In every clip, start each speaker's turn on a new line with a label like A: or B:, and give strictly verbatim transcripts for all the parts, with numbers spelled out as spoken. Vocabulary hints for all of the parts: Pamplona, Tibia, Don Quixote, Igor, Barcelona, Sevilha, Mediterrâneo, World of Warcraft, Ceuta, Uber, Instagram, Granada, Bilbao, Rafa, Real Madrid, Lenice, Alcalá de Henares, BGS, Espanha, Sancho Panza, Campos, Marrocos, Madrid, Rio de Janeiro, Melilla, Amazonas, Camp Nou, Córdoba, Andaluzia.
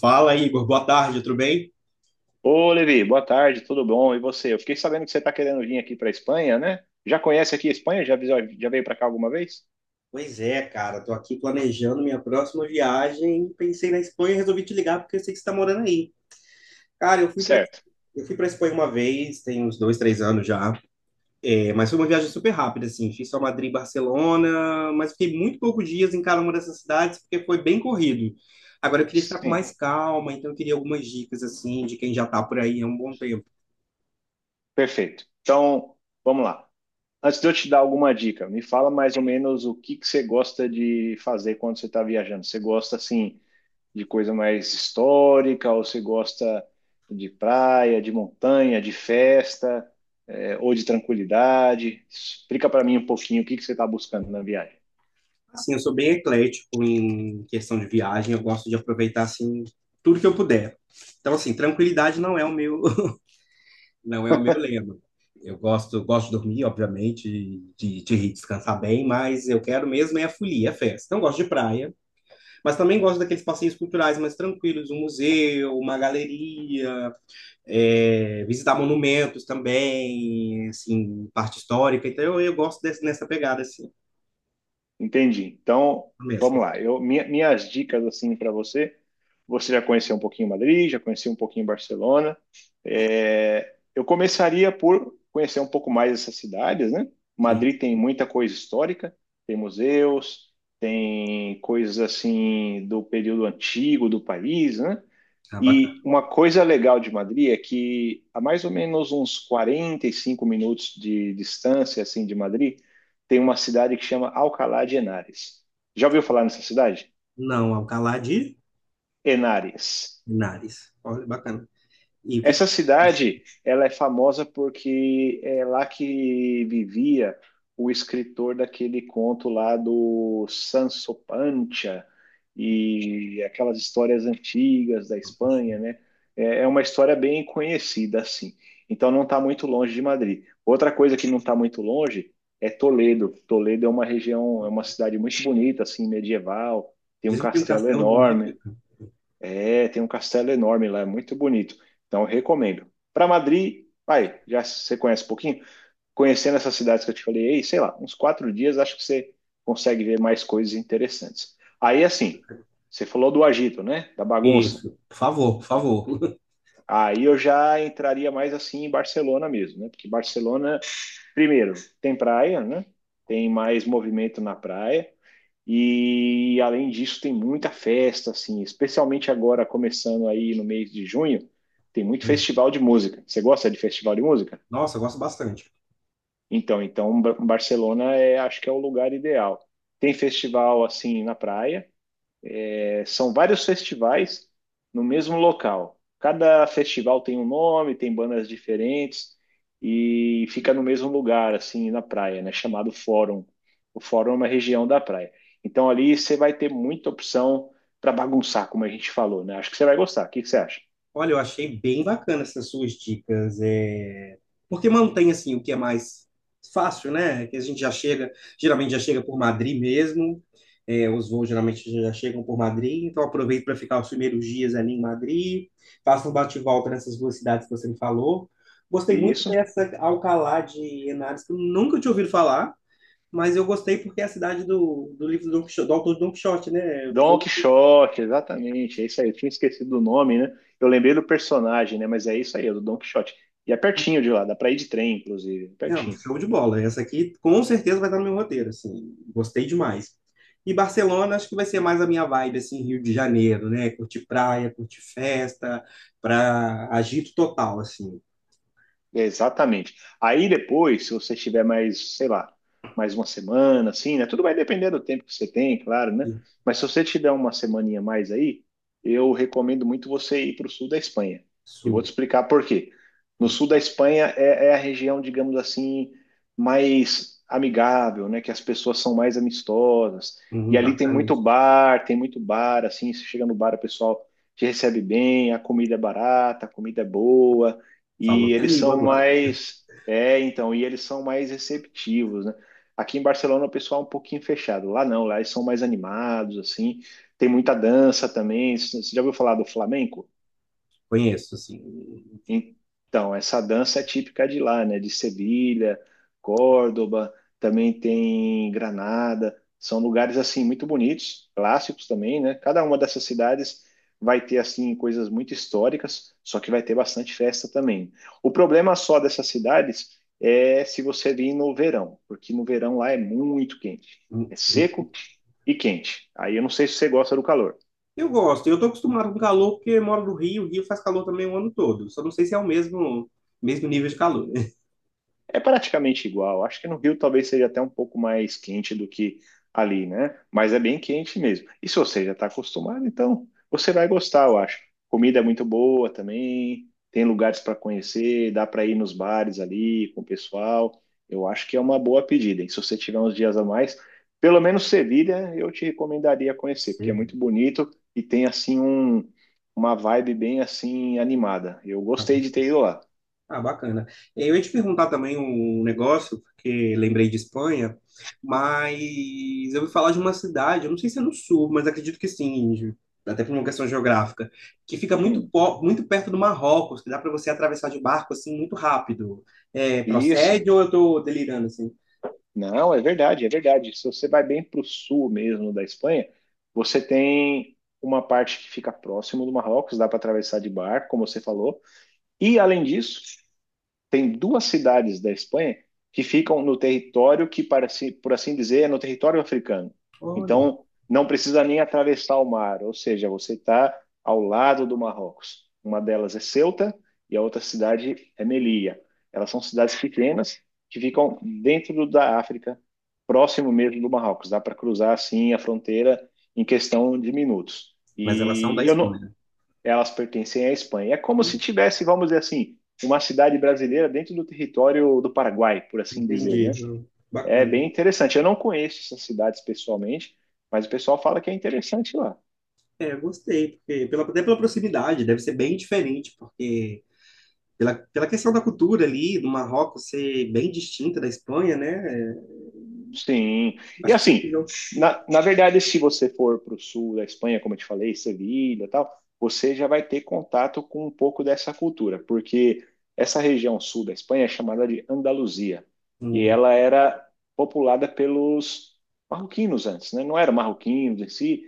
A: Fala, Igor. Boa tarde, tudo bem?
B: Ô, Levi, boa tarde, tudo bom? E você? Eu fiquei sabendo que você está querendo vir aqui para a Espanha, né? Já conhece aqui a Espanha? Já, visou- já veio para cá alguma vez?
A: Pois é, cara, tô aqui planejando minha próxima viagem. Pensei na Espanha e resolvi te ligar porque eu sei que você tá morando aí. Cara, eu fui para
B: Certo.
A: eu fui para Espanha uma vez, tem uns dois, três anos já. É, mas foi uma viagem super rápida, assim. Fiz só Madrid e Barcelona, mas fiquei muito poucos dias em cada uma dessas cidades porque foi bem corrido. Agora eu queria ficar com
B: Sim,
A: mais calma, então eu queria algumas dicas assim de quem já tá por aí há um bom tempo.
B: perfeito. Então, vamos lá. Antes de eu te dar alguma dica, me fala mais ou menos o que que você gosta de fazer quando você está viajando. Você gosta, assim, de coisa mais histórica ou você gosta de praia, de montanha, de festa, eh, ou de tranquilidade? Explica para mim um pouquinho o que que você está buscando na viagem.
A: Assim, eu sou bem eclético em questão de viagem, eu gosto de aproveitar assim tudo que eu puder. Então, assim, tranquilidade não é o meu, não é o meu lema. Eu gosto, gosto de dormir, obviamente, de, de descansar bem, mas eu quero mesmo é a folia, é a festa. Então, eu gosto de praia, mas também gosto daqueles passeios culturais mais tranquilos, um museu, uma galeria, é, visitar monumentos também, assim, parte histórica. Então, eu, eu gosto desse, nessa pegada, assim,
B: Entendi. Então, vamos
A: mesmo.
B: lá. Eu, minha- minhas dicas assim para você. Você já conheceu um pouquinho Madrid, já conhecia um pouquinho Barcelona. É, eu começaria por conhecer um pouco mais essas cidades, né?
A: Sim,
B: Madrid tem muita coisa histórica, tem museus, tem coisas assim do período antigo do país, né?
A: ah, bacana.
B: E uma coisa legal de Madrid é que a mais ou menos uns quarenta e cinco minutos de distância assim de Madrid, tem uma cidade que chama Alcalá de Henares. Já ouviu falar nessa cidade?
A: Não, Alcalá de
B: Henares.
A: Henares. Olha, bacana. E o que que
B: Essa
A: tem?
B: cidade, ela é famosa porque é lá que vivia o escritor daquele conto lá do Sancho Panza e aquelas histórias antigas da
A: Em Campos?
B: Espanha, né? É é uma história bem conhecida, assim. Então não está muito longe de Madrid. Outra coisa que não está muito longe é Toledo. Toledo é uma região, é uma cidade muito bonita, assim, medieval. Tem um
A: Diz que tem um
B: castelo
A: castelo bonito.
B: enorme,
A: Em Campos.
B: é, tem um castelo enorme lá, é muito bonito. Então, eu recomendo. Para Madrid, vai, já você conhece um pouquinho? Conhecendo essas cidades que eu te falei, ei, sei lá, uns quatro dias, acho que você consegue ver mais coisas interessantes. Aí, assim, você falou do agito, né? Da bagunça.
A: Isso. Por favor, por favor.
B: Aí eu já entraria mais assim em Barcelona mesmo, né? Porque Barcelona, primeiro, tem praia, né? Tem mais movimento na praia. E além disso, tem muita festa, assim, especialmente agora começando aí no mês de junho, tem muito festival de música. Você gosta de festival de música?
A: Nossa, eu gosto bastante.
B: Então, então Ba- Barcelona é, acho que é o lugar ideal. Tem festival assim na praia, é, são vários festivais no mesmo local. Cada festival tem um nome, tem bandas diferentes e fica no mesmo lugar, assim, na praia, né? Chamado Fórum. O Fórum é uma região da praia. Então ali você vai ter muita opção para bagunçar, como a gente falou, né? Acho que você vai gostar. O que que você acha?
A: Olha, eu achei bem bacana essas suas dicas, é... porque mantém assim o que é mais fácil, né? Que a gente já chega, geralmente já chega por Madrid mesmo, é, os voos geralmente já chegam por Madrid, então aproveito para ficar os primeiros dias ali em Madrid, faço um bate-volta nessas duas cidades que você me falou. Gostei muito
B: Isso.
A: dessa Alcalá de Henares, que eu nunca tinha ouvido falar, mas eu gostei porque é a cidade do, do livro do Don Quixote, do autor de Don Quixote, né?
B: Don Quixote, exatamente. É isso aí. Eu tinha esquecido do nome, né? Eu lembrei do personagem, né? Mas é isso aí, é do Don Quixote. E é pertinho de lá, dá para ir de trem, inclusive,
A: Não,
B: pertinho.
A: show de bola. Essa aqui com certeza vai estar no meu roteiro, assim. Gostei demais. E Barcelona, acho que vai ser mais a minha vibe, assim, Rio de Janeiro, né? Curtir praia, curtir festa, pra agito total, assim.
B: Exatamente. Aí depois, se você tiver mais, sei lá, mais uma semana, assim, né? Tudo vai depender do tempo que você tem, claro, né? Mas se você tiver uma semaninha mais aí, eu recomendo muito você ir para o sul da Espanha. E vou te
A: Isso,
B: explicar por quê. No sul da Espanha é, é a região, digamos assim, mais amigável, né? Que as pessoas são mais amistosas. E
A: hum,
B: ali tem
A: bacana
B: muito
A: isso.
B: bar, tem muito bar, assim, você chega no bar, o pessoal te recebe bem, a comida é barata, a comida é boa
A: Falou
B: e
A: minha
B: eles
A: língua
B: são
A: agora.
B: mais, é, então, e eles são mais receptivos, né? Aqui em Barcelona o pessoal é um pouquinho fechado. Lá não, lá eles são mais animados, assim. Tem muita dança também. Você já ouviu falar do flamenco?
A: Conheço, assim.
B: Então, essa dança é típica de lá, né? De Sevilha, Córdoba, também tem Granada. São lugares assim muito bonitos, clássicos também, né? Cada uma dessas cidades vai ter assim coisas muito históricas, só que vai ter bastante festa também. O problema só dessas cidades é se você vir no verão, porque no verão lá é muito quente.
A: Hum,
B: É
A: hum.
B: seco e quente. Aí eu não sei se você gosta do calor.
A: Eu gosto. Eu tô acostumado com calor porque eu moro no Rio. O Rio faz calor também o ano todo. Só não sei se é o mesmo, mesmo nível de calor, né?
B: É praticamente igual. Acho que no Rio talvez seja até um pouco mais quente do que ali, né? Mas é bem quente mesmo. E se você já está acostumado, então você vai gostar, eu acho. Comida é muito boa também, tem lugares para conhecer, dá para ir nos bares ali com o pessoal. Eu acho que é uma boa pedida. E se você tiver uns dias a mais, pelo menos Sevilha, eu te recomendaria conhecer, porque
A: Você
B: é muito bonito e tem assim um, uma vibe bem assim animada. Eu gostei de
A: vê.
B: ter ido lá.
A: Ah, bacana. Eu ia te perguntar também um negócio, porque lembrei de Espanha, mas eu ouvi falar de uma cidade, eu não sei se é no sul, mas acredito que sim, até por uma questão geográfica, que fica muito,
B: Hum,
A: po- muito perto do Marrocos, que dá para você atravessar de barco assim muito rápido. É,
B: isso.
A: procede ou eu estou delirando assim?
B: Não, é verdade, é verdade. Se você vai bem para o sul mesmo da Espanha, você tem uma parte que fica próximo do Marrocos, dá para atravessar de barco, como você falou. E além disso, tem duas cidades da Espanha que ficam no território que, para si- por assim dizer, é no território africano.
A: Olha,
B: Então, não precisa nem atravessar o mar, ou seja, você está ao lado do Marrocos. Uma delas é Ceuta e a outra cidade é Melilla. Elas são cidades pequenas que ficam dentro da África, próximo mesmo do Marrocos. Dá para cruzar assim a fronteira em questão de minutos.
A: mas elas são da
B: E eu não,
A: Espanha.
B: elas pertencem à Espanha. É como se
A: Olha,
B: tivesse, vamos dizer assim, uma cidade brasileira dentro do território do Paraguai, por assim dizer, né?
A: entendi. Hum,
B: É
A: Bacana.
B: bem interessante. Eu não conheço essas cidades pessoalmente, mas o pessoal fala que é interessante lá.
A: É, eu gostei, porque pela, até pela proximidade, deve ser bem diferente, porque pela, pela questão da cultura ali, do Marrocos ser bem distinta da Espanha, né? É,
B: Sim. E
A: acho que se eu
B: assim,
A: tiver um,
B: na, na verdade, se você for para o sul da Espanha, como eu te falei, Sevilha e tal, você já vai ter contato com um pouco dessa cultura, porque essa região sul da Espanha é chamada de Andaluzia, e
A: um-
B: ela era populada pelos marroquinos antes, né? Não eram marroquinos em si,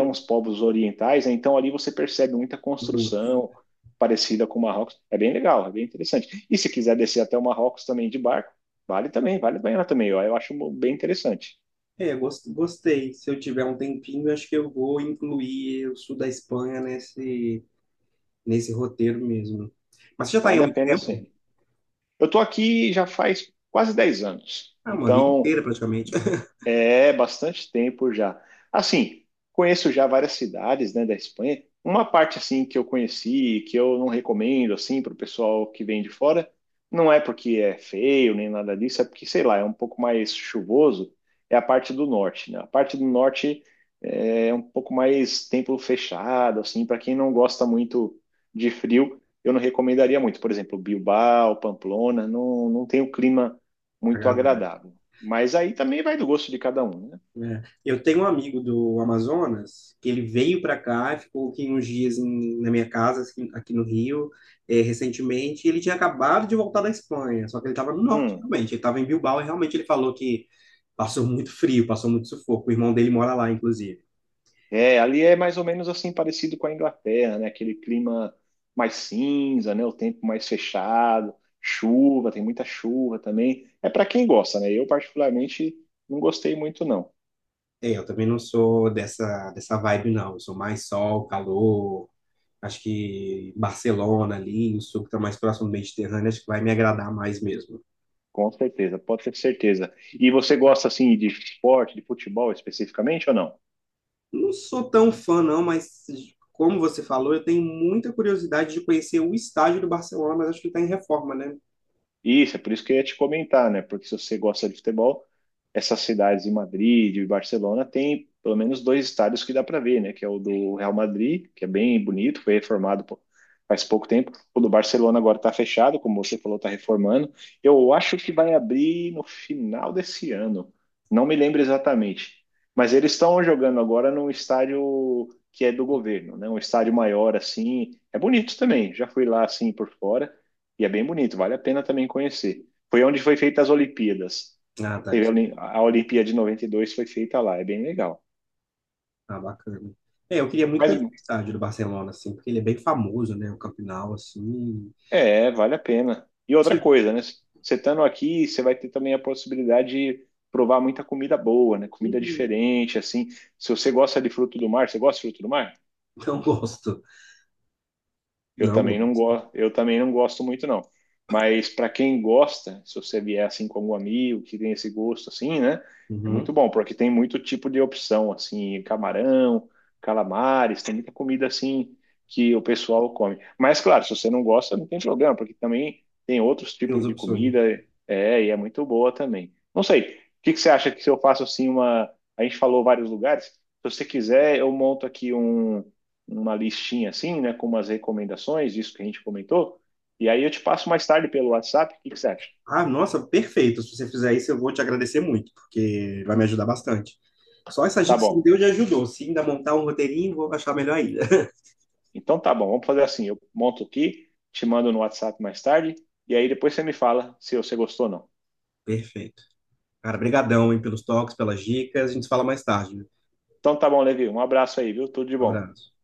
A: um-
B: os povos orientais, né? Então ali você percebe muita
A: um,
B: construção parecida com o Marrocos. É bem legal, é bem interessante. E se quiser descer até o Marrocos também de barco vale também, vale a pena também. Eu, eu acho bem interessante.
A: é, gost- gostei. Se eu tiver um tempinho, acho que eu vou incluir o sul da Espanha nesse, nesse roteiro mesmo. Mas você já está aí
B: Vale
A: há
B: a
A: muito
B: pena
A: tempo?
B: sim. Eu estou aqui já faz quase dez anos.
A: Ah, uma vida
B: Então,
A: inteira praticamente.
B: é, bastante tempo já. Assim, conheço já várias cidades, né, da Espanha. Uma parte assim que eu conheci, e que eu não recomendo assim para o pessoal que vem de fora, não é porque é feio nem nada disso, é porque sei lá, é um pouco mais chuvoso. É a parte do norte, né? A parte do norte é um pouco mais tempo fechado, assim, para quem não gosta muito de frio, eu não recomendaria muito. Por exemplo, Bilbao, Pamplona, não, não tem um clima muito
A: Agradável.
B: agradável. Mas aí também vai do gosto de cada um, né?
A: Né? Eu tenho um amigo do Amazonas que ele veio para cá e ficou aqui uns dias em- na minha casa, assim, aqui no Rio, eh, recentemente. E ele tinha acabado de voltar da Espanha, só que ele estava no norte,
B: Hum,
A: realmente. Ele estava em Bilbao e realmente ele falou que passou muito frio, passou muito sufoco. O irmão dele mora lá, inclusive.
B: é, ali é mais ou menos assim parecido com a Inglaterra, né? Aquele clima mais cinza, né? O tempo mais fechado, chuva, tem muita chuva também. É para quem gosta, né? Eu particularmente não gostei muito não.
A: É, eu também não sou dessa, dessa vibe, não. Eu sou mais sol, calor. Acho que Barcelona ali, o sul que está mais próximo do Mediterrâneo, acho que vai me agradar mais mesmo.
B: Com certeza, pode ter certeza. E você gosta assim de esporte, de futebol especificamente ou não?
A: Não sou tão fã, não, mas como você falou, eu tenho muita curiosidade de conhecer o estádio do Barcelona, mas acho que está em reforma, né?
B: Isso, é por isso que eu ia te comentar, né? Porque se você gosta de futebol, essas cidades de Madrid e Barcelona tem pelo menos dois estádios que dá para ver, né? Que é o do Real Madrid, que é bem bonito, foi reformado pô, faz pouco tempo. O do Barcelona agora está fechado, como você falou, está reformando. Eu acho que vai abrir no final desse ano. Não me lembro exatamente. Mas eles estão jogando agora num estádio que é do governo, né? Um estádio maior assim. É bonito também. Já fui lá assim por fora. E é bem bonito, vale a pena também conhecer. Foi onde foi feita as Olimpíadas.
A: Ah, tá.
B: Teve a
A: Isso.
B: Olim- a Olimpíada de noventa e dois foi feita lá, é bem legal.
A: Ah, bacana. É, eu queria muito
B: Mas
A: conhecer o estádio do Barcelona, assim, porque ele é bem famoso, né? O Camp Nou, assim.
B: é, vale a pena. E outra
A: Sim.
B: coisa, né? Você estando aqui, você vai ter também a possibilidade de provar muita comida boa, né? Comida
A: Hum,
B: diferente, assim. Se você gosta de fruto do mar, você gosta de fruto do mar?
A: não gosto.
B: Eu
A: Não
B: também não
A: gosto.
B: gosto, eu também não gosto muito não. Mas para quem gosta, se você vier assim com algum amigo que tem esse gosto assim, né? É muito
A: Uhum.
B: bom, porque tem muito tipo de opção assim, camarão, calamares, tem muita comida assim que o pessoal come. Mas claro, se você não gosta, não tem problema, porque também tem outros
A: Tem as
B: tipos de
A: opções.
B: comida, é, e é muito boa também. Não sei, o que que você acha que se eu faço assim uma, a gente falou vários lugares, se você quiser, eu monto aqui um uma listinha assim, né, com umas recomendações disso que a gente comentou, e aí eu te passo mais tarde pelo WhatsApp, o que que você acha?
A: Ah, nossa, perfeito. Se você fizer isso, eu vou te agradecer muito, porque vai me ajudar bastante. Só essa
B: Tá
A: dica que você me
B: bom.
A: deu já ajudou. Se ainda montar um roteirinho, vou achar melhor ainda.
B: Então tá bom, vamos fazer assim, eu monto aqui, te mando no WhatsApp mais tarde, e aí depois você me fala se você gostou ou não.
A: Perfeito. Cara, brigadão, hein, pelos toques, pelas dicas. A gente se fala mais tarde.
B: Então tá bom, Levi, um abraço aí, viu? Tudo de bom.
A: Abraço.